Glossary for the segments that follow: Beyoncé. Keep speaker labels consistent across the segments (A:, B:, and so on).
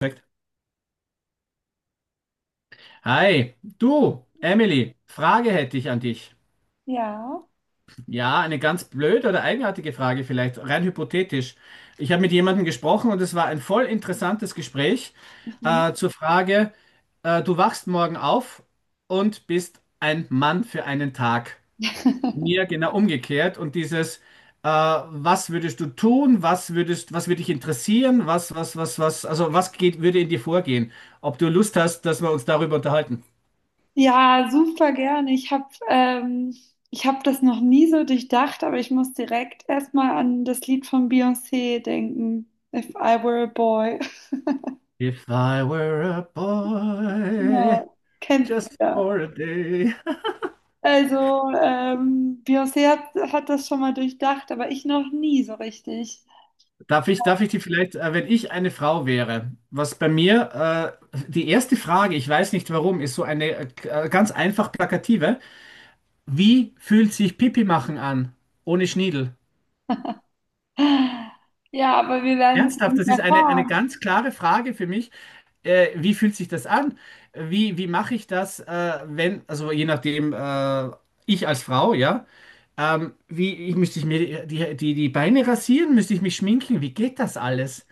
A: Perfekt. Hi, du, Emily, Frage hätte ich an dich.
B: Ja.
A: Ja, eine ganz blöde oder eigenartige Frage vielleicht, rein hypothetisch. Ich habe mit jemandem gesprochen und es war ein voll interessantes Gespräch
B: Mhm.
A: zur Frage, du wachst morgen auf und bist ein Mann für einen Tag. Mir genau umgekehrt und dieses, was würdest du tun, was würde dich interessieren, also was geht, würde in dir vorgehen? Ob du Lust hast, dass wir uns darüber unterhalten?
B: Ja, super gerne. Ich habe ich hab das noch nie so durchdacht, aber ich muss direkt erstmal an das Lied von Beyoncé denken. If I Were a Boy.
A: If I were a boy,
B: Ja, kennst du
A: just
B: ja.
A: for a day.
B: Also, Beyoncé hat das schon mal durchdacht, aber ich noch nie so richtig.
A: Darf ich die vielleicht, wenn ich eine Frau wäre, was bei mir, die erste Frage, ich weiß nicht warum, ist so eine ganz einfach plakative. Wie fühlt sich Pipi machen an, ohne Schniedel?
B: Ja, aber wir werden es
A: Ernsthaft,
B: nicht
A: das ist eine
B: erfahren.
A: ganz klare Frage für mich. Wie fühlt sich das an? Wie mache ich das, wenn, also je nachdem, ich als Frau, ja. Müsste ich mir die Beine rasieren? Müsste ich mich schminken? Wie geht das alles?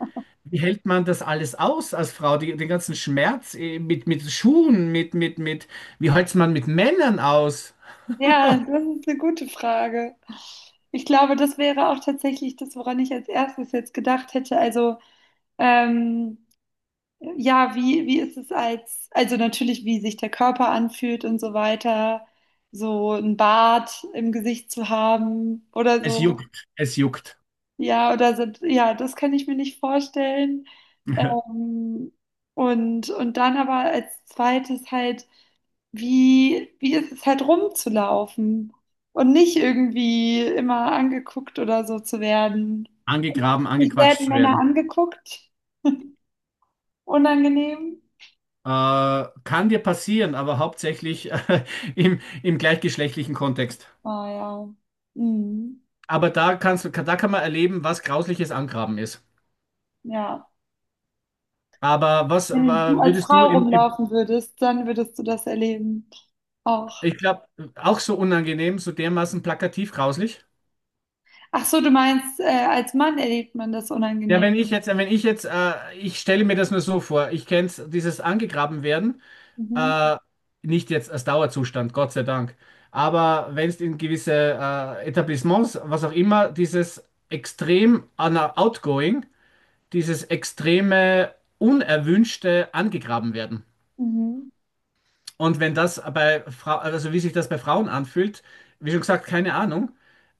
A: Wie hält man das alles aus als Frau? Die, den ganzen Schmerz mit Schuhen, wie hält man mit Männern aus?
B: Ja, das ist eine gute Frage. Ich glaube, das wäre auch tatsächlich das, woran ich als erstes jetzt gedacht hätte. Also, ähm, ja, wie ist es als, also natürlich, wie sich der Körper anfühlt und so weiter, so ein Bart im Gesicht zu haben oder
A: Es
B: so.
A: juckt, es juckt.
B: Ja, oder so, ja, das kann ich mir nicht vorstellen. Ähm, und dann aber als zweites halt wie ist es halt rumzulaufen und nicht irgendwie immer angeguckt oder so zu werden.
A: Angegraben,
B: Nicht
A: angequatscht
B: selten
A: zu
B: Männer
A: werden.
B: angeguckt, unangenehm.
A: Äh, kann dir passieren, aber hauptsächlich im gleichgeschlechtlichen Kontext.
B: Ah ja. Mhm.
A: Aber da kann man erleben, was grausliches Angraben ist.
B: Ja.
A: Aber was
B: Wenn du als
A: würdest du
B: Frau
A: im
B: rumlaufen würdest, dann würdest du das erleben auch.
A: Ich glaube, auch so unangenehm, so dermaßen plakativ grauslich.
B: Ach so, du meinst, als Mann erlebt man das
A: Ja,
B: unangenehm.
A: wenn ich jetzt, ich stelle mir das nur so vor, ich kenne dieses angegraben werden,
B: Mhm.
A: äh, nicht jetzt als Dauerzustand, Gott sei Dank, aber wenn es in gewisse Etablissements, was auch immer, outgoing, dieses extreme unerwünschte angegraben werden.
B: Mhm.
A: Und wenn das bei Frau, also wie sich das bei Frauen anfühlt, wie schon gesagt, keine Ahnung.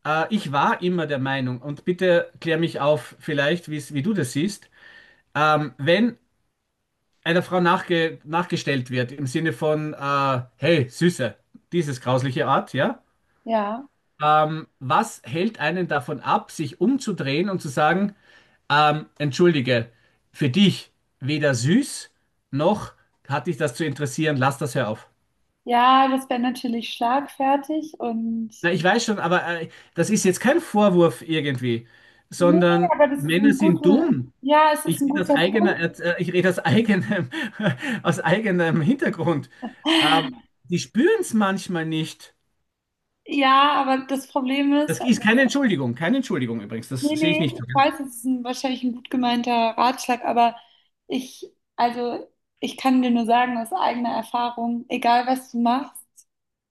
A: Ich war immer der Meinung, und bitte klär mich auf, vielleicht, wie du das siehst, wenn einer Frau nachgestellt wird, im Sinne von, hey, Süße, dieses grausliche Art, ja,
B: Ja.
A: was hält einen davon ab, sich umzudrehen und zu sagen, entschuldige, für dich weder süß noch hat dich das zu interessieren, lass das, hör auf.
B: Ja, das wäre natürlich schlagfertig und
A: Na, ich weiß schon, aber das ist jetzt kein Vorwurf irgendwie,
B: nee,
A: sondern
B: aber das ist
A: Männer
B: ein
A: sind
B: guter,
A: dumm.
B: ja, es ist
A: Ich
B: ein
A: rede aus
B: guter Punkt.
A: Ich rede aus eigenem, aus eigenem Hintergrund. Ähm, die spüren es manchmal nicht.
B: Ja, aber das Problem ist,
A: Das ist
B: also,
A: keine Entschuldigung, keine Entschuldigung übrigens, das
B: nee,
A: sehe ich
B: nee,
A: nicht.
B: ich weiß, es ist ein, wahrscheinlich ein gut gemeinter Ratschlag, aber ich, also ich kann dir nur sagen aus eigener Erfahrung, egal was du machst,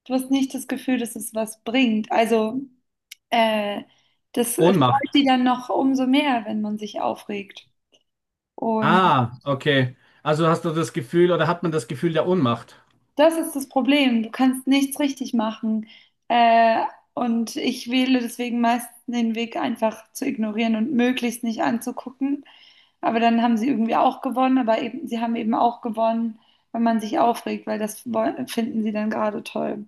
B: du hast nicht das Gefühl, dass es was bringt. Also äh, das freut
A: Ohnmacht.
B: die dann noch umso mehr, wenn man sich aufregt. Und
A: Ah, okay. Also hast du das Gefühl oder hat man das Gefühl der Ohnmacht?
B: das ist das Problem. Du kannst nichts richtig machen. Äh, und ich wähle deswegen meist den Weg, einfach zu ignorieren und möglichst nicht anzugucken. Aber dann haben sie irgendwie auch gewonnen, aber eben, sie haben eben auch gewonnen, wenn man sich aufregt, weil das woll- finden sie dann gerade toll.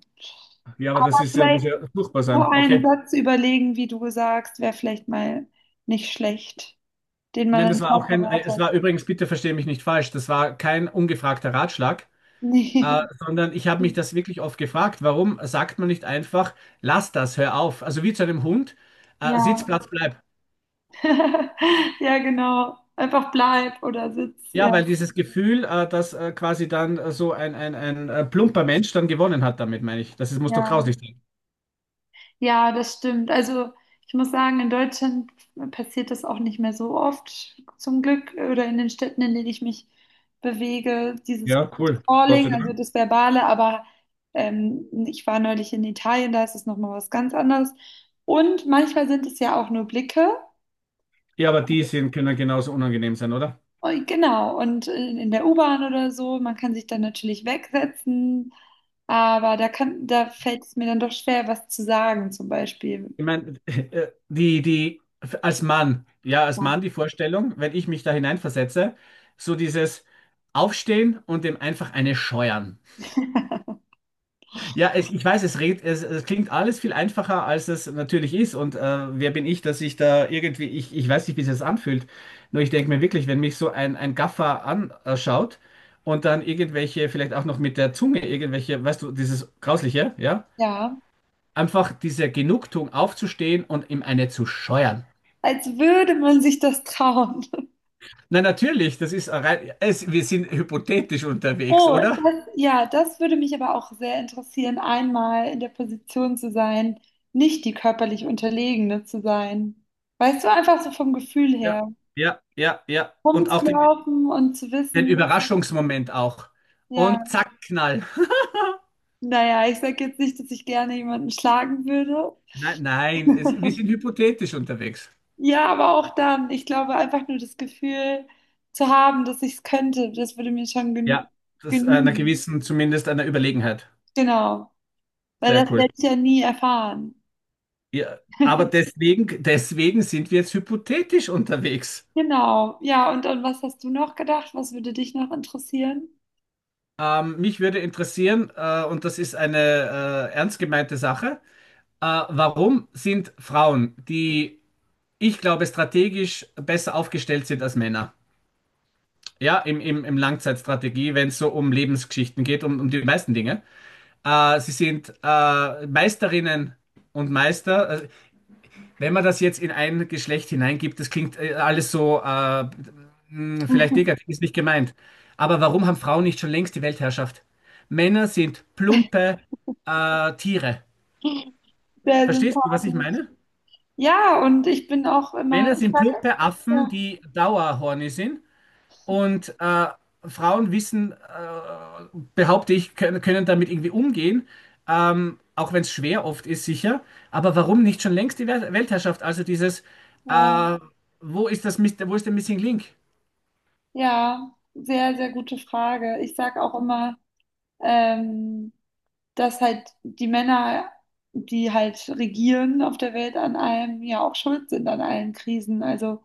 A: Ja, aber das ist ja, muss
B: Vielleicht
A: ja furchtbar
B: so
A: sein.
B: einen
A: Okay.
B: Satz überlegen, wie du sagst, wäre vielleicht mal nicht schlecht, den man
A: Nein, das
B: dann
A: war
B: mal
A: auch kein,
B: parat
A: es
B: hat.
A: war übrigens, bitte verstehe mich nicht falsch, das war kein ungefragter Ratschlag.
B: Nee.
A: Sondern ich habe mich das wirklich oft gefragt, warum sagt man nicht einfach, lass das, hör auf. Also wie zu einem Hund,
B: Ja.
A: Sitzplatz bleib.
B: Ja, genau. Einfach bleib oder sitz. Ja.
A: Ja, weil dieses Gefühl, dass quasi dann so ein plumper Mensch dann gewonnen hat damit, meine ich. Das ist, muss doch
B: Ja,
A: grauslich sein.
B: ja, das stimmt. Also ich muss sagen, in Deutschland passiert das auch nicht mehr so oft, zum Glück, oder in den Städten, in denen ich mich bewege, dieses
A: Ja, cool. Gott sei
B: Calling, also
A: Dank.
B: das Verbale, aber ich war neulich in Italien, da ist es nochmal was ganz anderes. Und manchmal sind es ja auch nur Blicke.
A: Ja, aber die sind, können genauso unangenehm sein, oder?
B: Und, genau, und in der U-Bahn oder so, man kann sich dann natürlich wegsetzen, aber da kann, da fällt es mir dann doch schwer, was zu sagen, zum Beispiel.
A: Ich meine, als Mann, ja, als
B: Ja.
A: Mann die Vorstellung, wenn ich mich da hineinversetze, so dieses Aufstehen und dem einfach eine scheuern. Ja, ich weiß, es klingt alles viel einfacher, als es natürlich ist. Und wer bin ich, dass ich da irgendwie, ich weiß nicht, wie es sich das anfühlt. Nur ich denke mir wirklich, wenn mich so ein Gaffer anschaut und dann irgendwelche, vielleicht auch noch mit der Zunge irgendwelche, weißt du, dieses Grausliche, ja,
B: Ja.
A: einfach diese Genugtuung aufzustehen und ihm eine zu scheuern.
B: Als würde man sich das trauen.
A: Na natürlich, das ist rein, es, wir sind hypothetisch unterwegs,
B: Oh,
A: oder?
B: das, ja, das würde mich aber auch sehr interessieren, einmal in der Position zu sein, nicht die körperlich Unterlegene zu sein. Weißt du, einfach so vom Gefühl
A: Ja,
B: her,
A: ja, ja, ja. Und auch den,
B: rumzulaufen und zu
A: den
B: wissen,
A: Überraschungsmoment auch.
B: ja,
A: Und zack, Knall.
B: naja, ich sage jetzt nicht, dass ich gerne jemanden schlagen würde.
A: Nein, nein, es, wir sind hypothetisch unterwegs.
B: Ja, aber auch dann, ich glaube, einfach nur das Gefühl zu haben, dass ich es könnte, das würde mir schon genü
A: Ja, das einer
B: genügen.
A: gewissen, zumindest einer Überlegenheit.
B: Genau, weil
A: Sehr
B: das
A: cool.
B: werde ich ja nie erfahren.
A: Ja, aber deswegen sind wir jetzt hypothetisch unterwegs.
B: Genau, ja, und was hast du noch gedacht? Was würde dich noch interessieren?
A: Mich würde interessieren, und das ist eine ernst gemeinte Sache, warum sind Frauen, die ich glaube strategisch besser aufgestellt sind als Männer? Ja, im Langzeitstrategie, wenn es so um Lebensgeschichten geht, um, um die meisten Dinge. Sie sind Meisterinnen und Meister. Also, wenn man das jetzt in ein Geschlecht hineingibt, das klingt alles so vielleicht negativ, ist nicht gemeint. Aber warum haben Frauen nicht schon längst die Weltherrschaft? Männer sind plumpe Tiere.
B: Sehr
A: Verstehst du, was ich
B: sympathisch.
A: meine?
B: Ja, und ich bin auch immer,
A: Männer
B: ich
A: sind
B: sag,
A: plumpe Affen,
B: ja,
A: die Dauerhorny sind. Und Frauen wissen, behaupte ich, können damit irgendwie umgehen, auch wenn es schwer oft ist, sicher. Aber warum nicht schon längst die Weltherrschaft? Also dieses,
B: ja,
A: äh, wo ist das, wo ist der Missing Link?
B: ja, sehr, sehr gute Frage. Ich sag auch immer, ähm, dass halt die Männer, die halt regieren auf der Welt an allem, ja auch schuld sind an allen Krisen, also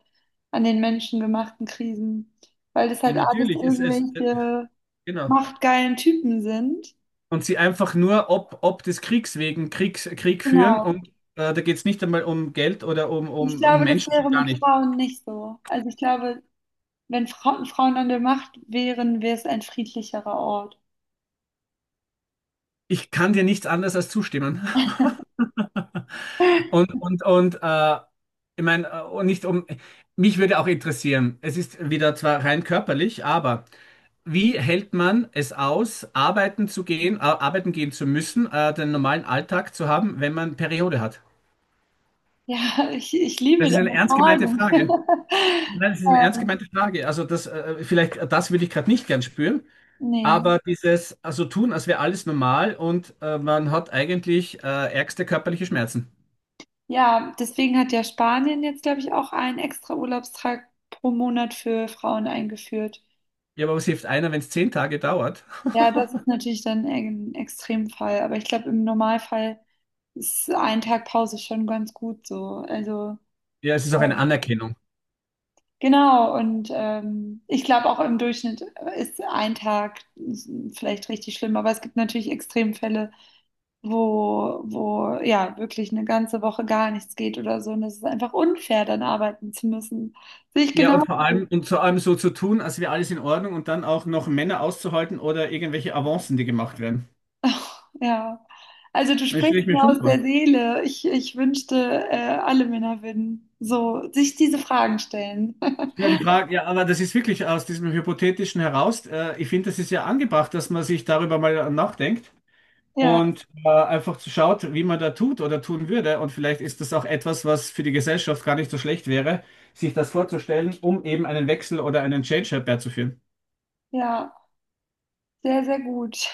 B: an den menschengemachten Krisen, weil das
A: Ja,
B: halt alles
A: natürlich.
B: irgendwelche
A: Genau.
B: machtgeilen Typen sind.
A: Und sie einfach nur ob des Kriegs Krieg führen
B: Genau.
A: und da geht es nicht einmal um Geld oder
B: Ich
A: um
B: glaube, das
A: Menschen, schon
B: wäre
A: gar
B: mit
A: nicht.
B: Frauen nicht so. Also ich glaube, wenn Frauen an der Macht wären, wäre es ein friedlicherer Ort.
A: Ich kann dir nichts anderes als zustimmen. Und, und, und äh, ich meine, und nicht um, mich würde auch interessieren, es ist wieder zwar rein körperlich, aber wie hält man es aus, arbeiten zu gehen, arbeiten gehen zu müssen, den normalen Alltag zu haben, wenn man Periode hat?
B: Ja, ich
A: Das
B: liebe
A: ist
B: deine
A: eine ernst gemeinte
B: Frage.
A: Frage. Nein, das ist eine ernst
B: Ähm,
A: gemeinte Frage. Also das, vielleicht, das würde ich gerade nicht gern spüren,
B: nee.
A: aber dieses, also tun, als wäre alles normal und man hat eigentlich ärgste körperliche Schmerzen.
B: Ja, deswegen hat ja Spanien jetzt, glaube ich, auch einen extra Urlaubstag pro Monat für Frauen eingeführt.
A: Ja, aber was hilft einer, wenn es 10 Tage dauert?
B: Ja, das ist natürlich dann ein Extremfall, aber ich glaube, im Normalfall ist ein Tag Pause schon ganz gut so. Also.
A: Ja, es ist auch eine Anerkennung.
B: Genau, und ich glaube auch im Durchschnitt ist ein Tag vielleicht richtig schlimm, aber es gibt natürlich Extremfälle, wo ja wirklich eine ganze Woche gar nichts geht oder so. Und es ist einfach unfair, dann arbeiten zu müssen. Sehe ich
A: Ja,
B: genau,
A: und vor allem so zu tun, als wäre alles in Ordnung und dann auch noch Männer auszuhalten oder irgendwelche Avancen, die gemacht werden.
B: ja. Also du
A: Das stelle ich
B: sprichst
A: mir
B: mir
A: schon
B: aus der
A: vor.
B: Seele. Ich wünschte, alle Männer würden so sich diese Fragen stellen.
A: Ja, die Frage, ja, aber das ist wirklich aus diesem Hypothetischen heraus. Ich finde, das ist ja angebracht, dass man sich darüber mal nachdenkt
B: Ja,
A: und einfach schaut, wie man da tut oder tun würde. Und vielleicht ist das auch etwas, was für die Gesellschaft gar nicht so schlecht wäre, sich das vorzustellen, um eben einen Wechsel oder einen Change herbeizuführen.
B: ja, sehr, sehr gut.